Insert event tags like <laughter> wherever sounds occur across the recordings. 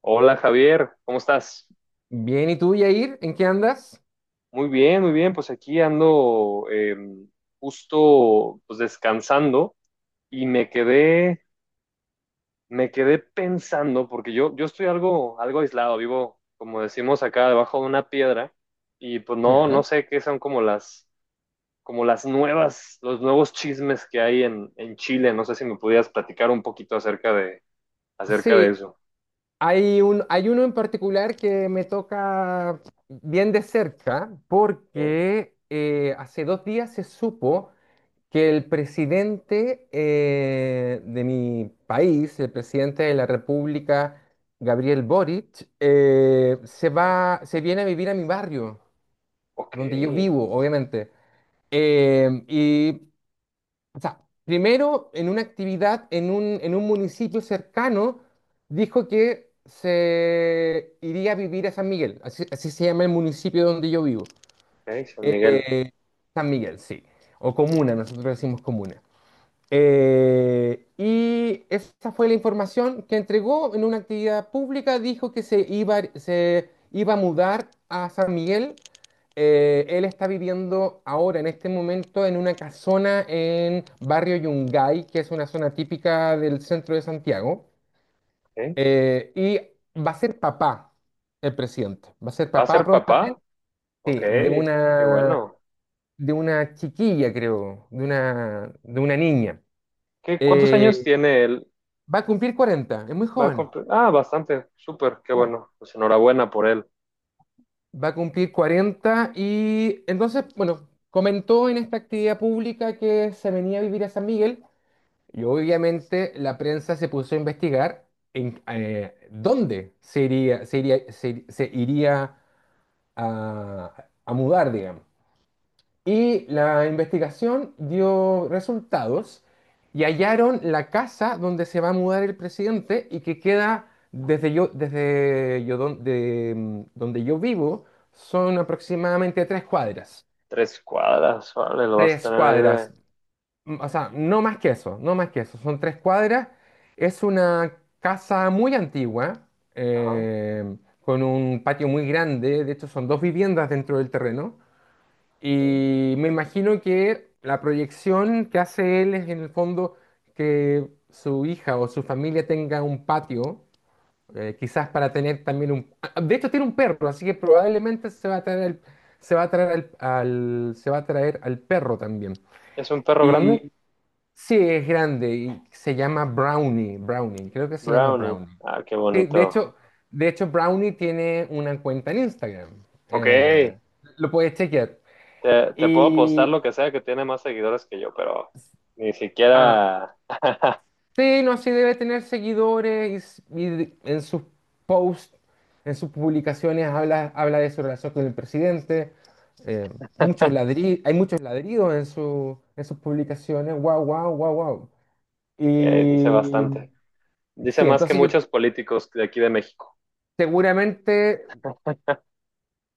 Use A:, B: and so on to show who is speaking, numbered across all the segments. A: Hola Javier, ¿cómo estás?
B: Bien, ¿y tú, Yair? ¿En qué andas?
A: Muy bien, pues aquí ando justo pues descansando y me quedé pensando, porque yo estoy algo aislado, vivo, como decimos acá, debajo de una piedra, y pues no
B: Ya.
A: sé qué son como las nuevas, los nuevos chismes que hay en Chile. No sé si me pudieras platicar un poquito acerca de
B: Sí,
A: eso.
B: hay uno en particular que me toca bien de cerca
A: ¿Eh?
B: porque hace 2 días se supo que el presidente de mi país, el presidente de la República, Gabriel Boric,
A: ¿No?
B: se viene a vivir a mi barrio,
A: Ok,
B: donde yo vivo, obviamente. Eh, y O sea, primero en una actividad en un municipio cercano, dijo que se iría a vivir a San Miguel. Así se llama el municipio donde yo vivo.
A: ok, San Miguel.
B: Eh, San Miguel, sí, o comuna. Nosotros decimos comuna.
A: Ok.
B: Y esa fue la información que entregó en una actividad pública. Dijo que se iba a mudar a San Miguel. Él está viviendo ahora, en este momento, en una casona en Barrio Yungay, que es una zona típica del centro de Santiago. Y va a ser papá el presidente. Va a ser
A: ¿Va a
B: papá
A: ser
B: prontamente
A: papá? Ok,
B: de
A: qué
B: una,
A: bueno.
B: de una chiquilla, creo, de una niña.
A: ¿Qué, cuántos años
B: Eh,
A: tiene él?
B: Va a cumplir 40, es muy joven.
A: Ah, bastante, súper, qué bueno. Pues enhorabuena por él.
B: Va a cumplir 40 y entonces, bueno, comentó en esta actividad pública que se venía a vivir a San Miguel, y obviamente la prensa se puso a investigar en dónde se iría, se iría, se iría a mudar, digamos. Y la investigación dio resultados y hallaron la casa donde se va a mudar el presidente, y que queda desde yo don- de, mm, donde yo vivo son aproximadamente 3 cuadras.
A: Tres cuadras, vale, lo vas a
B: Tres
A: tener ahí
B: cuadras,
A: de...
B: O sea, no más que eso, no más que eso, son 3 cuadras. Es una casa muy antigua,
A: Ajá,
B: con un patio muy grande. De hecho, son dos viviendas dentro del terreno.
A: ok.
B: Y me imagino que la proyección que hace él es, en el fondo, que su hija o su familia tenga un patio, quizás para tener también de hecho, tiene un perro, así que probablemente se va a traer al, se va a traer al, al- se va a traer al perro también.
A: ¿Es un perro grande?
B: Y sí, es grande y se llama Brownie. Brownie, creo que se llama
A: Brownie.
B: Brownie.
A: Ah, qué
B: Sí, de
A: bonito.
B: hecho, Brownie tiene una cuenta en Instagram.
A: Ok,
B: Eh, lo puedes chequear.
A: te puedo apostar
B: Y,
A: lo que sea que tiene más seguidores que yo, pero ni
B: Ah,
A: siquiera... <laughs>
B: sí, no, sí debe tener seguidores. Y y en sus posts, en sus publicaciones habla de su relación con el presidente. eh, hay muchos ladridos en sus publicaciones. Wow, wow, wow, wow.
A: Ok, dice
B: Y
A: bastante. Dice
B: sí,
A: más que
B: entonces yo
A: muchos políticos de aquí de México.
B: seguramente,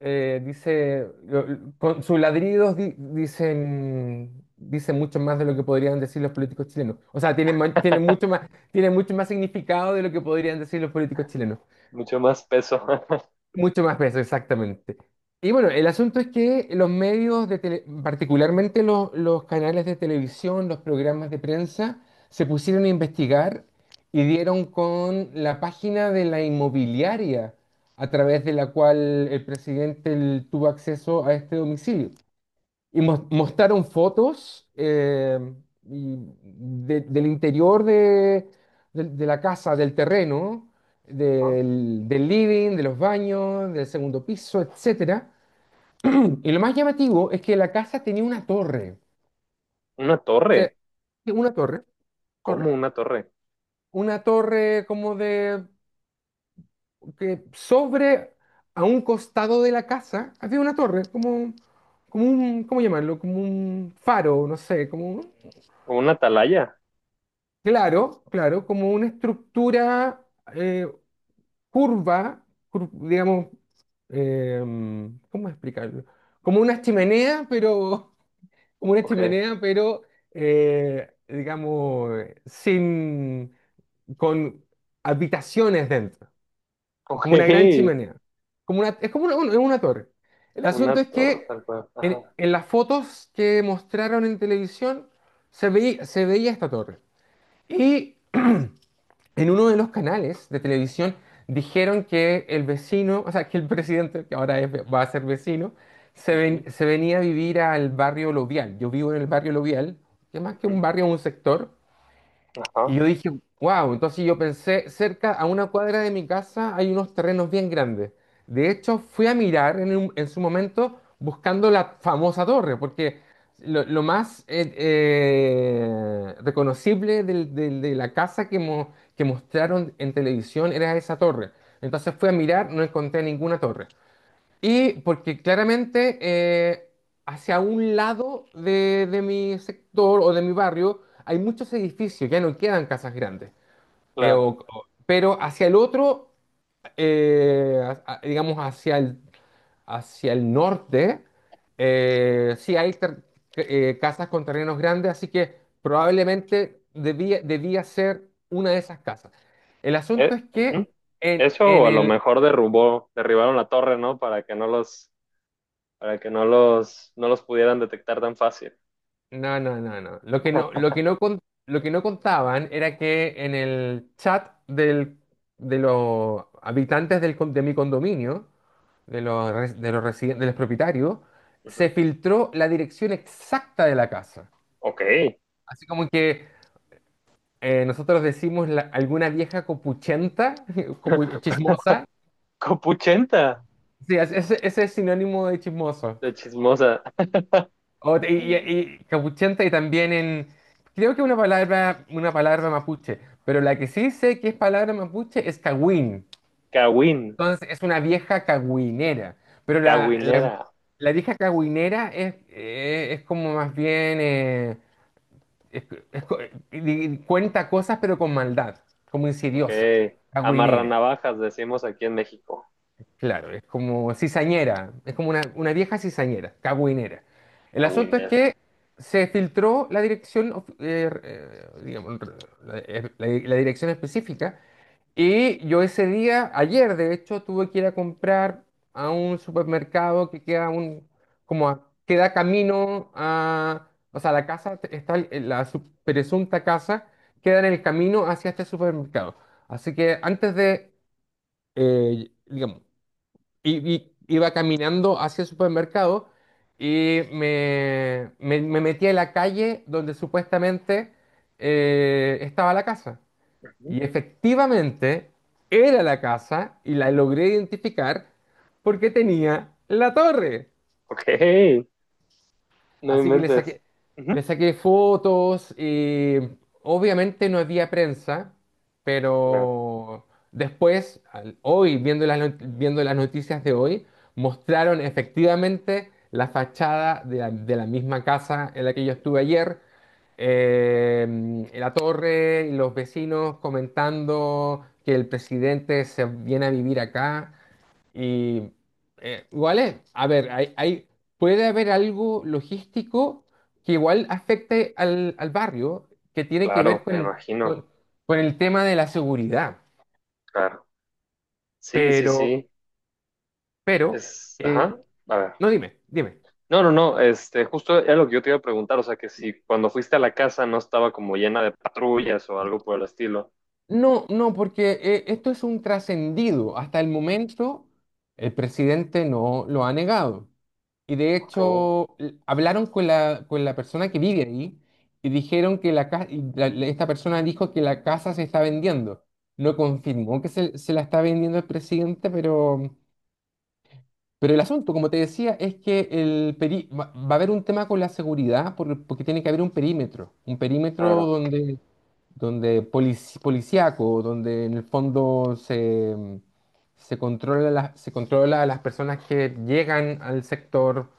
B: con sus ladridos dicen mucho más de lo que podrían decir los políticos chilenos. O sea, Tienen mucho más significado de lo que podrían decir los políticos chilenos.
A: Mucho más peso. <laughs>
B: Mucho más peso, exactamente. Y bueno, el asunto es que los medios de tele- particularmente los canales de televisión, los programas de prensa, se pusieron a investigar y dieron con la página de la inmobiliaria a través de la cual el presidente tuvo acceso a este domicilio. Y mostraron fotos, y del interior de la casa, del terreno,
A: ¿No?
B: del living, de los baños, del segundo piso, etcétera. Y lo más llamativo es que la casa tenía una torre.
A: Una
B: O
A: torre.
B: sea, una torre.
A: ¿Cómo
B: torre,
A: una torre?
B: una torre como de, que sobre, a un costado de la casa había una torre, como... como un, ¿cómo llamarlo? Como un faro, no sé,
A: ¿O una atalaya?
B: Claro, claro, como una estructura eh, curva. Digamos, ¿cómo explicarlo? Como una chimenea, pero... <laughs> Como una
A: Ok,
B: chimenea, pero digamos, sin, con habitaciones dentro,
A: <laughs> ok.
B: como una gran chimenea. Como una, es como una torre. El
A: Una
B: asunto es
A: torre,
B: que
A: tal cual. Ajá.
B: en las fotos que mostraron en televisión se veía esta torre. Y en uno de los canales de televisión dijeron que el vecino, o sea, que el <laughs> presidente, que ahora va a ser vecino,
A: Ujú,
B: se venía a vivir al barrio Lovial. Yo vivo en el barrio Lovial, que más que un
A: ujú,
B: barrio, es un sector. Y
A: ajá,
B: yo dije, wow. Entonces yo pensé, cerca, a una cuadra de mi casa, hay unos terrenos bien grandes. De hecho, fui a mirar en su momento buscando la famosa torre, porque lo, lo más reconocible de la casa que mostraron en televisión era esa torre. Entonces fui a mirar, no encontré ninguna torre. Y porque claramente hacia un lado de mi sector o de mi barrio hay muchos edificios, ya no quedan casas grandes.
A: claro.
B: Pero hacia el otro, digamos hacia el norte, sí hay casas con terrenos grandes, así que probablemente debía ser una de esas casas. El asunto es que
A: Ujú.
B: en,
A: Eso o a lo mejor derribaron la torre, ¿no? Para que no para que no no los pudieran detectar tan fácil.
B: no, no, no, no. Lo que no contaban era que en el chat de los habitantes de mi condominio, de los, res- de los residen- de los propietarios, se
A: Ujú,
B: filtró la dirección exacta de la casa.
A: ok.
B: Así como que, nosotros decimos, la... alguna vieja copuchenta. <laughs>
A: <laughs>
B: Chismosa.
A: Copuchenta,
B: Sí, ese es sinónimo de chismoso.
A: de chismosa.
B: O te- y capuchenta, y también en... Creo que una palabra mapuche, pero la que sí sé que es palabra mapuche es cagüín.
A: Cawin,
B: Entonces es una vieja cagüinera, pero la, la,
A: cawinera.
B: la vieja cagüinera es como más bien... es- es co- cuenta cosas, pero con maldad, como
A: Ok.
B: insidiosa, cagüinera.
A: Amarranavajas, decimos aquí en México.
B: Claro, es como cizañera, es como una vieja cizañera, cagüinera. El asunto es
A: Cawinera.
B: que se filtró la dirección, digamos, la dirección específica. Y yo ese día, ayer de hecho, tuve que ir a comprar a un supermercado que queda camino a, o sea, la casa, te- está el- la sup- presunta casa queda en el camino hacia este supermercado. Así que antes de, digamos, y iba caminando hacia el supermercado, y me metí en la calle donde supuestamente estaba la casa.
A: Ujú,
B: Y efectivamente era la casa y la logré identificar porque tenía la torre.
A: ok. No
B: Así que le
A: inventes.
B: saqué,
A: Ujú.
B: fotos, y obviamente no había prensa, pero después, hoy, viendo las, not- viendo las noticias de hoy, mostraron efectivamente la fachada de la misma casa en la que yo estuve ayer, la torre, y los vecinos comentando que el presidente se viene a vivir acá. Y Igual es, a ver, puede haber algo logístico que igual afecte al barrio, que tiene que ver
A: Claro,
B: con
A: me
B: el, con,
A: imagino.
B: con el tema de la seguridad.
A: Claro. Sí, sí,
B: Pero,
A: sí.
B: pero,
A: Es,
B: eh,
A: ajá. A ver.
B: no, dime, dime.
A: No, no, no. Este, justo era lo que yo te iba a preguntar. O sea, que si cuando fuiste a la casa no estaba como llena de patrullas o algo por el estilo.
B: No, no, porque esto es un trascendido. Hasta el momento, el presidente no lo ha negado. Y de
A: Oh,
B: hecho, hablaron con la persona que vive ahí, y dijeron que la, ca- y la- la- esta persona dijo que la casa se está vendiendo. No confirmó que se la está vendiendo el presidente, pero el asunto, como te decía, es que va a haber un tema con la seguridad, porque tiene que haber un perímetro, un perímetro
A: claro.
B: donde donde polici- policíaco, donde en el fondo se controla a las personas que llegan al sector.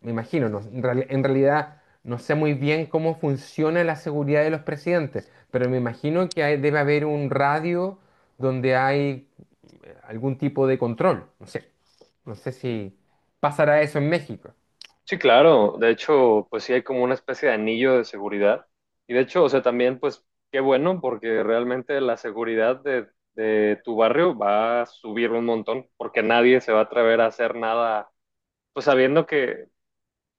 B: Me imagino, en realidad no sé muy bien cómo funciona la seguridad de los presidentes, pero me imagino que debe haber un radio donde hay algún tipo de control. No sé, si pasará eso en México.
A: Sí, claro. De hecho, pues sí hay como una especie de anillo de seguridad. Y de hecho, o sea, también, pues, qué bueno, porque realmente la seguridad de tu barrio va a subir un montón, porque nadie se va a atrever a hacer nada, pues sabiendo que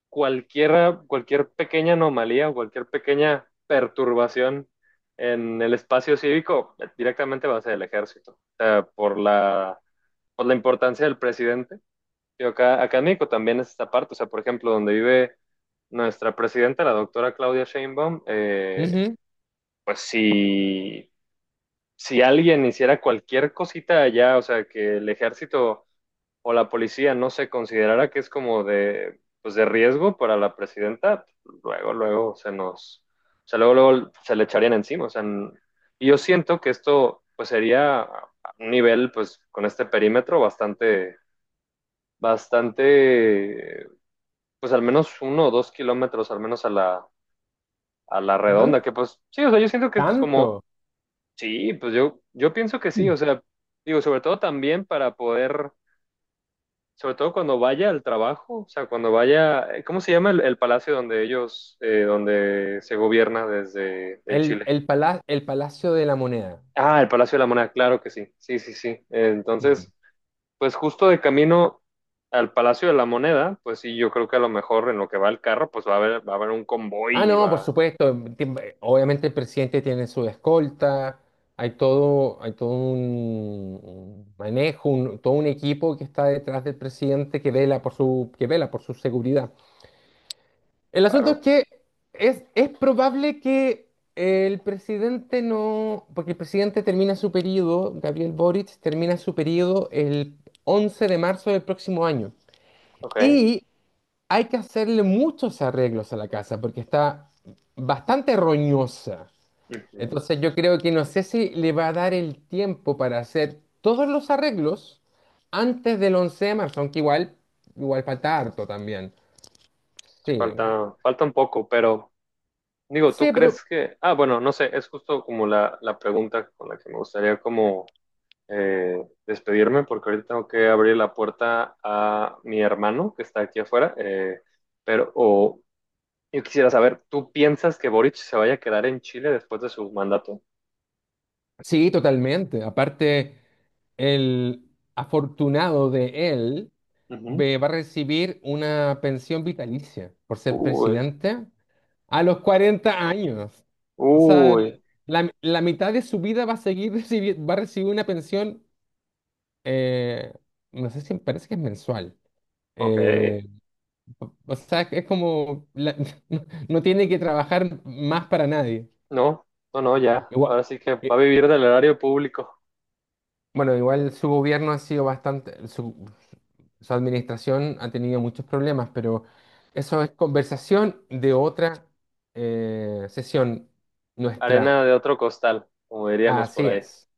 A: cualquier pequeña anomalía o cualquier pequeña perturbación en el espacio cívico directamente va a ser el ejército. O sea, por la importancia del presidente. Yo acá en México también es esta parte. O sea, por ejemplo, donde vive nuestra presidenta, la doctora Claudia Sheinbaum,
B: Ujú.
A: pues si, si alguien hiciera cualquier cosita allá, o sea, que el ejército o la policía no se considerara que es como de, pues de riesgo para la presidenta, luego, luego se nos, o sea, luego, luego se le echarían encima. O sea, y yo siento que esto, pues sería a un nivel, pues con este perímetro bastante, bastante, pues al menos uno o dos kilómetros, al menos a a la redonda,
B: Tan-
A: que pues sí, o sea, yo siento que es
B: Tanto.
A: como, sí, pues yo pienso que sí, o sea, digo, sobre todo también para poder sobre todo cuando vaya al trabajo, o sea, cuando vaya, ¿cómo se llama el palacio donde ellos, donde se gobierna desde en
B: El,
A: Chile?
B: el, pala- el Palacio de la Moneda.
A: Ah, el Palacio de la Moneda, claro que sí, sí, sí, sí. Entonces, pues justo de camino al Palacio de la Moneda, pues sí, yo creo que a lo mejor en lo que va el carro, pues va a haber un
B: Ah,
A: convoy y
B: no, por
A: va,
B: supuesto. Obviamente el presidente tiene su escolta. Hay todo un manejo, todo un equipo que está detrás del presidente que vela por su seguridad. El asunto es
A: claro,
B: que es probable que el presidente no, porque el presidente termina su periodo, Gabriel Boric termina su periodo el 11 de marzo del próximo año.
A: ok.
B: Y hay que hacerle muchos arreglos a la casa porque está bastante roñosa.
A: Ujú.
B: Entonces, yo creo que no sé si le va a dar el tiempo para hacer todos los arreglos antes del 11 de marzo, aunque igual falta harto también.
A: Sí,
B: Sí,
A: falta, falta un poco, pero digo, ¿tú
B: sí, pero
A: crees que, ah, bueno, no sé, es justo como la pregunta con la que me gustaría como despedirme porque ahorita tengo que abrir la puerta a mi hermano que está aquí afuera. Pero o, yo quisiera saber, ¿tú piensas que Boric se vaya a quedar en Chile después de su mandato?
B: sí, totalmente. Aparte, el afortunado de él
A: Ujú.
B: va a recibir una pensión vitalicia por ser
A: Uy,
B: presidente, a los 40 años. O sea,
A: uy,
B: la mitad de su vida va a seguir <laughs> recibiendo, va a recibir una pensión. eh, no sé, si parece que es mensual.
A: ok.
B: Eh, o sea, es como... <laughs> no, no tiene que trabajar más para nadie.
A: No, no, no, ya.
B: Igual,
A: Ahora sí que va a
B: eh,
A: vivir del erario público.
B: bueno, igual su gobierno ha sido bastante, su administración ha tenido muchos problemas, pero eso es conversación de otra sesión nuestra.
A: Arena de otro costal, como diríamos
B: Así
A: por ahí.
B: es.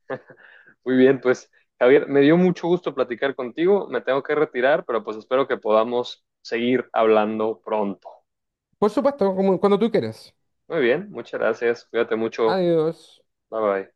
A: Muy bien, pues Javier, me dio mucho gusto platicar contigo. Me tengo que retirar, pero pues espero que podamos seguir hablando pronto.
B: Por supuesto, como cuando tú quieras.
A: Muy bien, muchas gracias. Cuídate mucho.
B: Adiós.
A: Bye bye.